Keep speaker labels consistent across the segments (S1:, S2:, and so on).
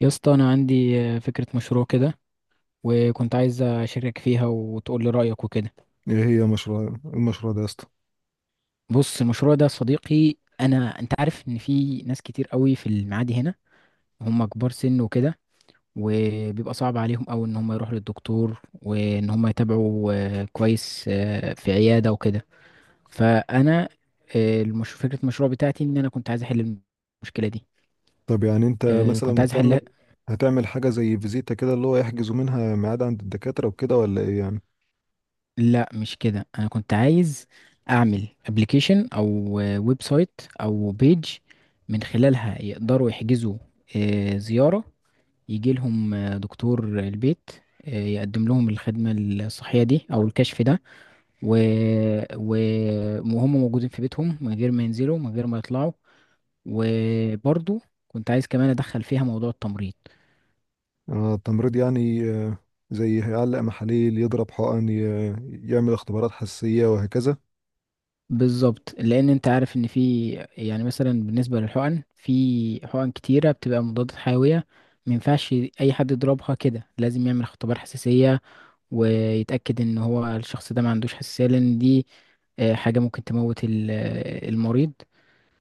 S1: يا اسطى، انا عندي فكره مشروع كده، وكنت عايز اشارك فيها وتقول لي رايك وكده.
S2: ايه هي المشروع ده يا اسطى؟
S1: بص المشروع ده يا صديقي، انت عارف ان في ناس كتير قوي في المعادي هنا، هم كبار سن وكده. وبيبقى صعب عليهم قوي ان هم يروحوا للدكتور وان هم يتابعوا كويس في عياده وكده. فانا فكره المشروع بتاعتي ان انا كنت عايز احل المشكله دي.
S2: طب يعني انت
S1: كنت
S2: مثلا
S1: عايز
S2: هتعمل
S1: احلها.
S2: هتعمل حاجه زي فيزيتا كده، اللي هو يحجزوا منها ميعاد عند الدكاتره وكده، ولا ايه يعني؟
S1: لا مش كده، انا كنت عايز اعمل ابلكيشن او ويب سايت او بيج، من خلالها يقدروا يحجزوا زيارة، يجي لهم دكتور البيت يقدم لهم الخدمة الصحية دي او الكشف ده. و... و... وهم موجودين في بيتهم من غير ما ينزلوا من غير ما يطلعوا. وبرضو كنت عايز كمان ادخل فيها موضوع التمريض.
S2: آه التمريض، يعني زي هيعلق محاليل، يضرب حقن، يعمل اختبارات حساسيه وهكذا.
S1: بالظبط، لان انت عارف ان في، يعني مثلا بالنسبه للحقن، في حقن كتيره بتبقى مضادات حيويه. ما ينفعش اي حد يضربها كده، لازم يعمل اختبار حساسيه ويتاكد ان هو الشخص ده ما عندوش حساسيه، لان دي حاجه ممكن تموت المريض.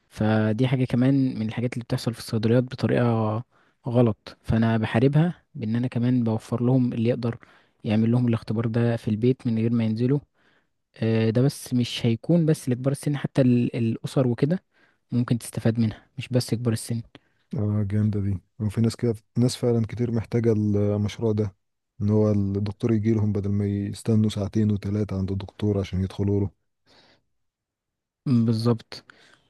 S1: فدي حاجه كمان من الحاجات اللي بتحصل في الصيدليات بطريقه غلط، فانا بحاربها بان انا كمان بوفر لهم اللي يقدر يعمل لهم الاختبار ده في البيت من غير ما ينزلوا. ده بس مش هيكون بس لكبار السن، حتى الأسر وكده ممكن تستفاد منها، مش بس كبار السن.
S2: اه، جامده دي، وفي ناس كده، ناس فعلا كتير محتاجه المشروع ده، ان هو الدكتور يجي لهم بدل ما يستنوا ساعتين وثلاثه عند الدكتور عشان يدخلوا له.
S1: مم، بالظبط.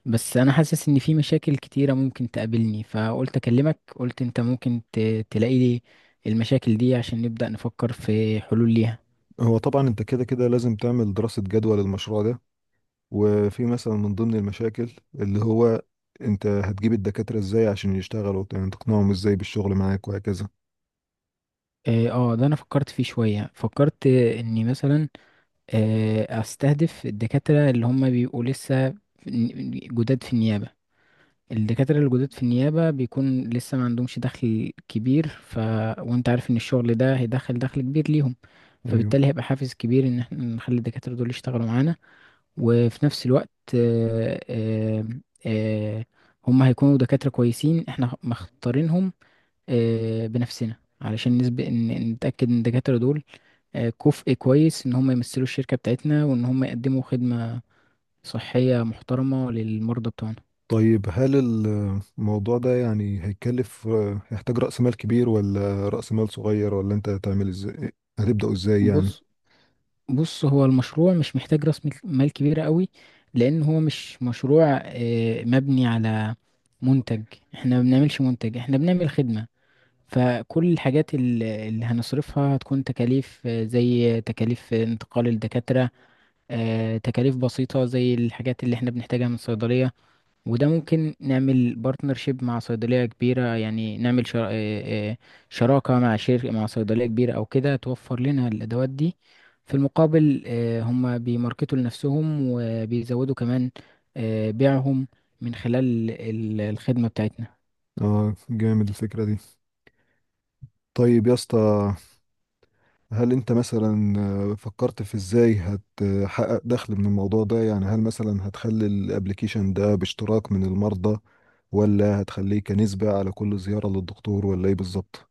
S1: بس أنا حاسس إن في مشاكل كتيرة ممكن تقابلني، فقلت أكلمك، قلت أنت ممكن تلاقي لي المشاكل دي عشان نبدأ نفكر في حلول ليها.
S2: هو طبعا انت كده كده لازم تعمل دراسه جدوى للمشروع ده، وفي مثلا من ضمن المشاكل اللي هو انت هتجيب الدكاترة ازاي عشان يشتغلوا، يعني تقنعهم ازاي بالشغل معاك وهكذا.
S1: اه، ده انا فكرت فيه شوية، فكرت اني مثلا استهدف الدكاترة اللي هم بيبقوا لسه جداد في النيابة. الدكاترة الجدد في النيابة بيكون لسه ما عندهمش دخل كبير. وانت عارف ان الشغل ده هيدخل دخل كبير ليهم،
S2: ايوه.
S1: فبالتالي هيبقى حافز كبير ان احنا نخلي الدكاترة دول يشتغلوا معانا. وفي نفس الوقت آه، آه، آه، هم هيكونوا دكاترة كويسين احنا مختارينهم بنفسنا، علشان نسبق ان نتأكد ان الدكاترة دول كفء كويس ان هم يمثلوا الشركة بتاعتنا وان هم يقدموا خدمة صحية محترمة للمرضى بتوعنا.
S2: طيب، هل الموضوع ده يعني هيكلف، هيحتاج رأس مال كبير، ولا رأس مال صغير، ولا انت هتعمل ازاي، هتبدأوا ازاي يعني؟
S1: بص بص، هو المشروع مش محتاج راس مال كبيرة قوي، لأن هو مش مشروع مبني على منتج. احنا ما بنعملش منتج، احنا بنعمل خدمة. فكل الحاجات اللي هنصرفها هتكون تكاليف، زي تكاليف انتقال الدكاترة، تكاليف بسيطة زي الحاجات اللي احنا بنحتاجها من صيدلية. وده ممكن نعمل بارتنرشيب مع صيدلية كبيرة، يعني نعمل شر... آه، آه، شراكة مع شركة، مع صيدلية كبيرة أو كده، توفر لنا الأدوات دي. في المقابل هم بيماركتوا لنفسهم وبيزودوا كمان بيعهم من خلال الخدمة بتاعتنا.
S2: اه، جامد الفكرة دي. طيب يا اسطى، هل انت مثلا فكرت في ازاي هتحقق دخل من الموضوع ده، يعني هل مثلا هتخلي الابليكيشن ده باشتراك من المرضى، ولا هتخليه كنسبة على كل زيارة للدكتور، ولا ايه بالظبط؟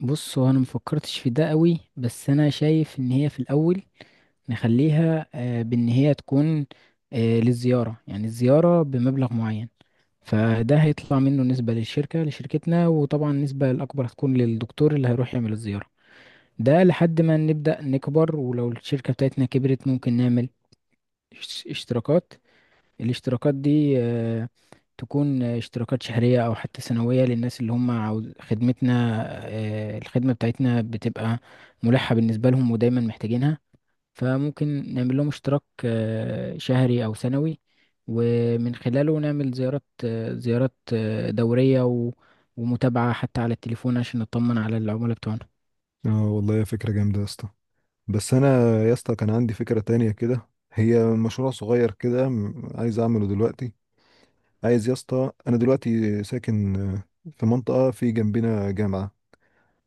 S1: بص، هو أنا مفكرتش في ده قوي، بس أنا شايف إن هي في الأول نخليها بإن هي تكون للزيارة، يعني الزيارة بمبلغ معين. فده هيطلع منه نسبة للشركة، لشركتنا، وطبعا النسبة الأكبر هتكون للدكتور اللي هيروح يعمل الزيارة. ده لحد ما نبدأ نكبر، ولو الشركة بتاعتنا كبرت ممكن نعمل اشتراكات. الاشتراكات دي تكون اشتراكات شهرية أو حتى سنوية للناس اللي هم عاوز خدمتنا. الخدمة بتاعتنا بتبقى ملحة بالنسبة لهم ودايما محتاجينها، فممكن نعمل لهم اشتراك شهري أو سنوي، ومن خلاله نعمل زيارات، دورية ومتابعة حتى على التليفون عشان نطمن على العملاء بتوعنا.
S2: اه والله يا فكرة جامدة يا اسطى. بس انا، يا اسطى، كان عندي فكرة تانية كده، هي مشروع صغير كده، عايز اعمله دلوقتي. عايز يا اسطى، انا دلوقتي ساكن في منطقة في جنبنا جامعة،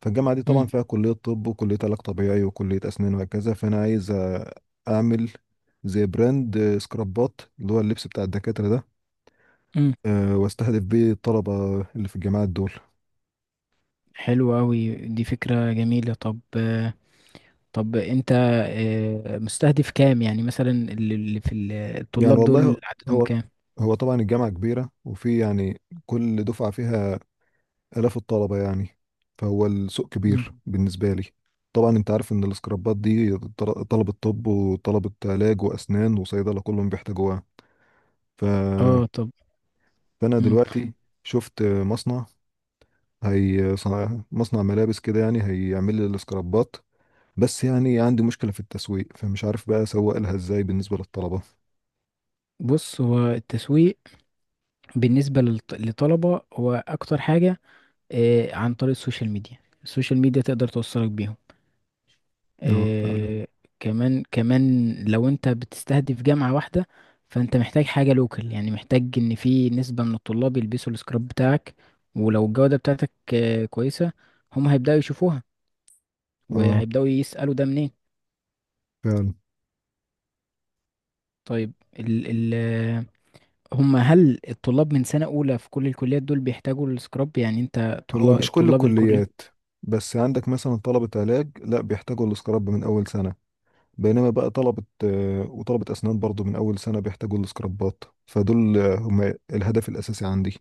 S2: فالجامعة دي
S1: مم.
S2: طبعا فيها كلية طب وكلية علاج طبيعي وكلية أسنان وهكذا، فأنا عايز أعمل زي براند سكرابات، اللي هو اللبس بتاع الدكاترة ده،
S1: مم.
S2: واستهدف بيه الطلبة اللي في الجامعات دول.
S1: حلو أوي، دي فكرة جميلة. طب أنت مستهدف كام؟ يعني مثلا اللي في
S2: يعني
S1: الطلاب دول
S2: والله،
S1: عددهم
S2: هو
S1: كام؟
S2: هو طبعا الجامعة كبيرة، وفي يعني كل دفعة فيها آلاف الطلبة يعني، فهو السوق
S1: مم.
S2: كبير بالنسبة لي. طبعا انت عارف ان السكرابات دي، طلبة طب وطلبة علاج وأسنان وصيدلة كلهم بيحتاجوها. ف،
S1: اه، طب.
S2: فانا
S1: مم.
S2: دلوقتي شفت مصنع، هي مصنع ملابس كده، يعني هيعمل لي الاسكرابات، بس يعني عندي مشكلة في التسويق، فمش عارف بقى اسوق لها ازاي بالنسبة للطلبة.
S1: بص، هو التسويق بالنسبة للطلبة هو أكتر حاجة عن طريق السوشيال ميديا. السوشيال ميديا تقدر توصلك بيهم
S2: اه فعلا.
S1: آه، كمان كمان، لو انت بتستهدف جامعة واحدة، فانت محتاج حاجة لوكال، يعني محتاج ان في نسبة من الطلاب يلبسوا السكراب بتاعك. ولو الجودة بتاعتك كويسة، هم هيبدأوا يشوفوها
S2: اه
S1: وهيبدأوا يسألوا ده منين.
S2: فعلا.
S1: طيب، ال ال آه، هم هل الطلاب من سنة أولى في كل الكليات دول بيحتاجوا السكراب؟ يعني انت
S2: هو
S1: طلاب
S2: مش كل
S1: طلاب الكلية.
S2: الكليات، بس عندك مثلا طلبة علاج لا بيحتاجوا الاسكراب من اول سنة، بينما بقى طلبة آه، وطلبة اسنان برضو من اول سنة بيحتاجوا الاسكرابات، فدول هم الهدف الاساسي عندي.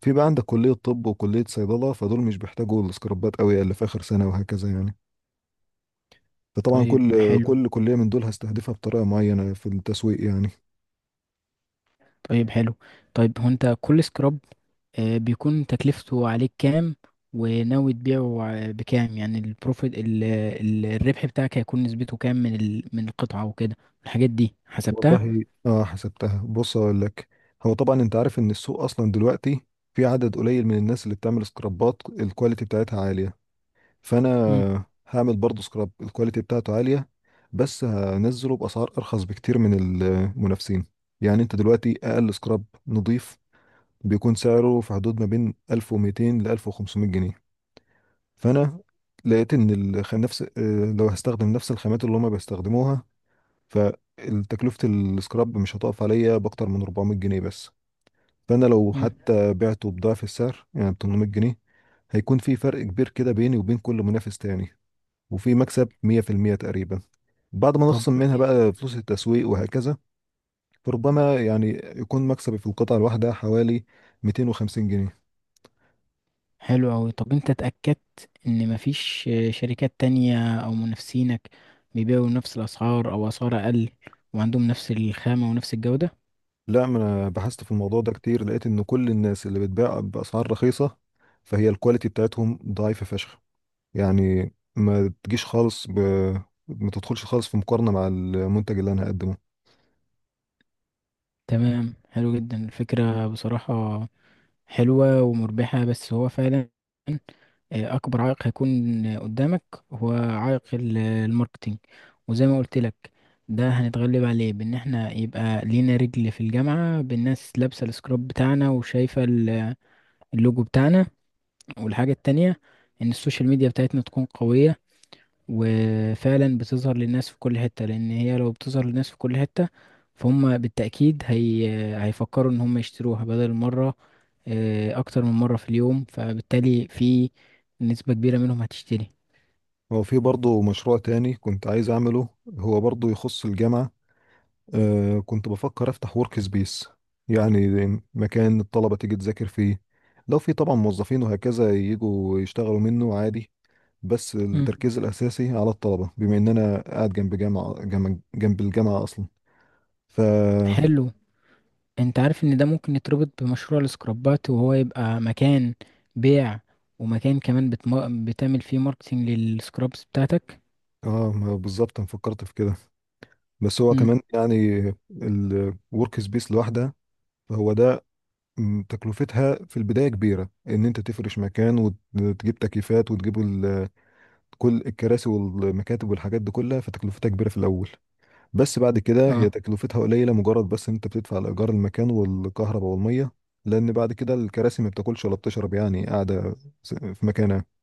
S2: في بقى عندك كلية طب وكلية صيدلة، فدول مش بيحتاجوا السكرابات قوي، اللي في آخر سنة وهكذا يعني. فطبعا
S1: طيب
S2: كل
S1: حلو
S2: كل كلية من دول هستهدفها بطريقة معينة في التسويق يعني.
S1: طيب حلو. طيب، هو انت كل سكراب بيكون تكلفته عليك كام، وناوي تبيعه بكام؟ يعني البروفيت الربح بتاعك هيكون نسبته كام من من القطعة وكده، الحاجات دي حسبتها؟
S2: والله اه، حسبتها. بص اقول لك، هو طبعا انت عارف ان السوق اصلا دلوقتي في عدد قليل من الناس اللي بتعمل سكرابات الكواليتي بتاعتها عالية،
S1: مم.
S2: فانا هعمل برضو سكراب الكواليتي بتاعته عالية، بس هنزله بأسعار ارخص بكتير من المنافسين. يعني انت دلوقتي اقل سكراب نضيف بيكون سعره في حدود ما بين 1200 ل 1500 جنيه. فانا لقيت ان الخ... نفس، لو هستخدم نفس الخامات اللي هما بيستخدموها، فتكلفة السكراب مش هتقف عليا باكتر من 400 جنيه بس. فانا لو
S1: مم.
S2: حتى بعته بضعف السعر يعني ب 800 جنيه، هيكون في فرق كبير كده بيني وبين كل منافس تاني، وفي مكسب 100% تقريبا بعد ما
S1: طب
S2: نخصم منها بقى فلوس التسويق وهكذا. فربما يعني يكون مكسبي في القطعة الواحدة حوالي 250 جنيه.
S1: حلو أوي. طب انت اتأكدت ان مفيش شركات تانية او منافسينك بيبيعوا نفس الاسعار او اسعار اقل وعندهم نفس الخامة ونفس الجودة؟
S2: لا، ما انا بحثت في الموضوع ده كتير، لقيت ان كل الناس اللي بتبيع باسعار رخيصه فهي الكواليتي بتاعتهم ضعيفه فشخ، يعني ما تجيش خالص ب... ما تدخلش خالص في مقارنه مع المنتج اللي انا هقدمه.
S1: تمام، حلو جدا الفكرة بصراحة، حلوة ومربحة. بس هو فعلا آه، أكبر عائق هيكون قدامك هو عائق الماركتينج. وزي ما قلت لك، ده هنتغلب عليه بإن احنا يبقى لينا رجل في الجامعة بالناس لابسة السكراب بتاعنا وشايفة اللوجو بتاعنا. والحاجة التانية، إن السوشيال ميديا بتاعتنا تكون قوية وفعلا بتظهر للناس في كل حتة، لأن هي لو بتظهر للناس في كل حتة فهم بالتأكيد هيفكروا إن هم يشتروها بدل مرة اكتر من مرة في اليوم، فبالتالي في نسبة كبيرة منهم هتشتري.
S2: هو في برضه مشروع تاني كنت عايز اعمله، هو برضه يخص الجامعه. آه، كنت بفكر افتح ورك سبيس، يعني مكان الطلبة تيجي تذاكر فيه، لو في طبعا موظفين وهكذا يجوا يشتغلوا منه عادي، بس
S1: مم.
S2: التركيز الأساسي على الطلبة بما إن أنا قاعد جنب جامعة، جنب الجامعة أصلا. ف.
S1: حلو. انت عارف ان ده ممكن يتربط بمشروع السكرابات، وهو يبقى مكان بيع، ومكان كمان بتعمل فيه ماركتينج للسكرابس بتاعتك.
S2: اه ما بالظبط أنا فكرت في كده، بس هو
S1: مم.
S2: كمان يعني الورك سبيس لوحدها، فهو ده، تكلفتها في البداية كبيرة، إن أنت تفرش مكان وتجيب تكييفات وتجيب كل الكراسي والمكاتب والحاجات دي كلها، فتكلفتها كبيرة في الأول. بس بعد كده هي
S1: اه
S2: تكلفتها قليلة، مجرد بس إن أنت بتدفع لإيجار المكان والكهرباء والمية، لأن بعد كده الكراسي ما بتاكلش ولا بتشرب يعني، قاعدة في مكانها.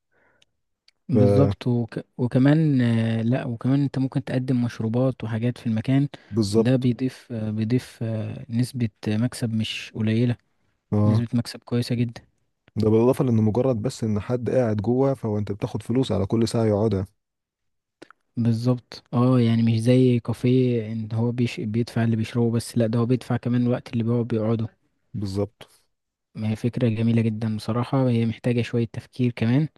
S1: بالظبط، وكمان لا، وكمان انت ممكن تقدم مشروبات وحاجات في المكان. ده
S2: فبالظبط.
S1: بيضيف نسبة مكسب مش قليلة،
S2: اه،
S1: نسبة مكسب كويسة جدا.
S2: ده بالإضافة لأن مجرد بس إن حد قاعد جوه، فهو أنت بتاخد فلوس على كل ساعة يقعدها.
S1: بالظبط. اه، يعني مش زي كافيه ان هو بيدفع اللي بيشربه بس، لا، ده هو بيدفع كمان الوقت اللي بيقعد بيقعده.
S2: بالظبط.
S1: ما هي فكرة جميلة جدا بصراحة، هي محتاجة شوية تفكير كمان.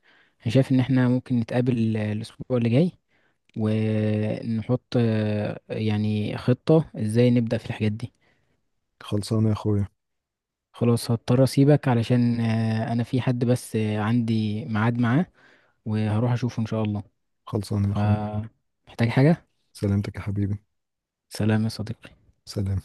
S1: انا شايف ان احنا ممكن نتقابل الاسبوع اللي جاي، ونحط يعني خطة ازاي نبدأ في الحاجات دي.
S2: خلصانة يا أخويا.
S1: خلاص، هضطر اسيبك علشان انا في حد بس عندي ميعاد معاه، وهروح اشوفه ان شاء الله.
S2: خلصانة يا أخويا.
S1: فمحتاج حاجة.
S2: سلامتك يا حبيبي.
S1: سلام يا صديقي.
S2: سلام.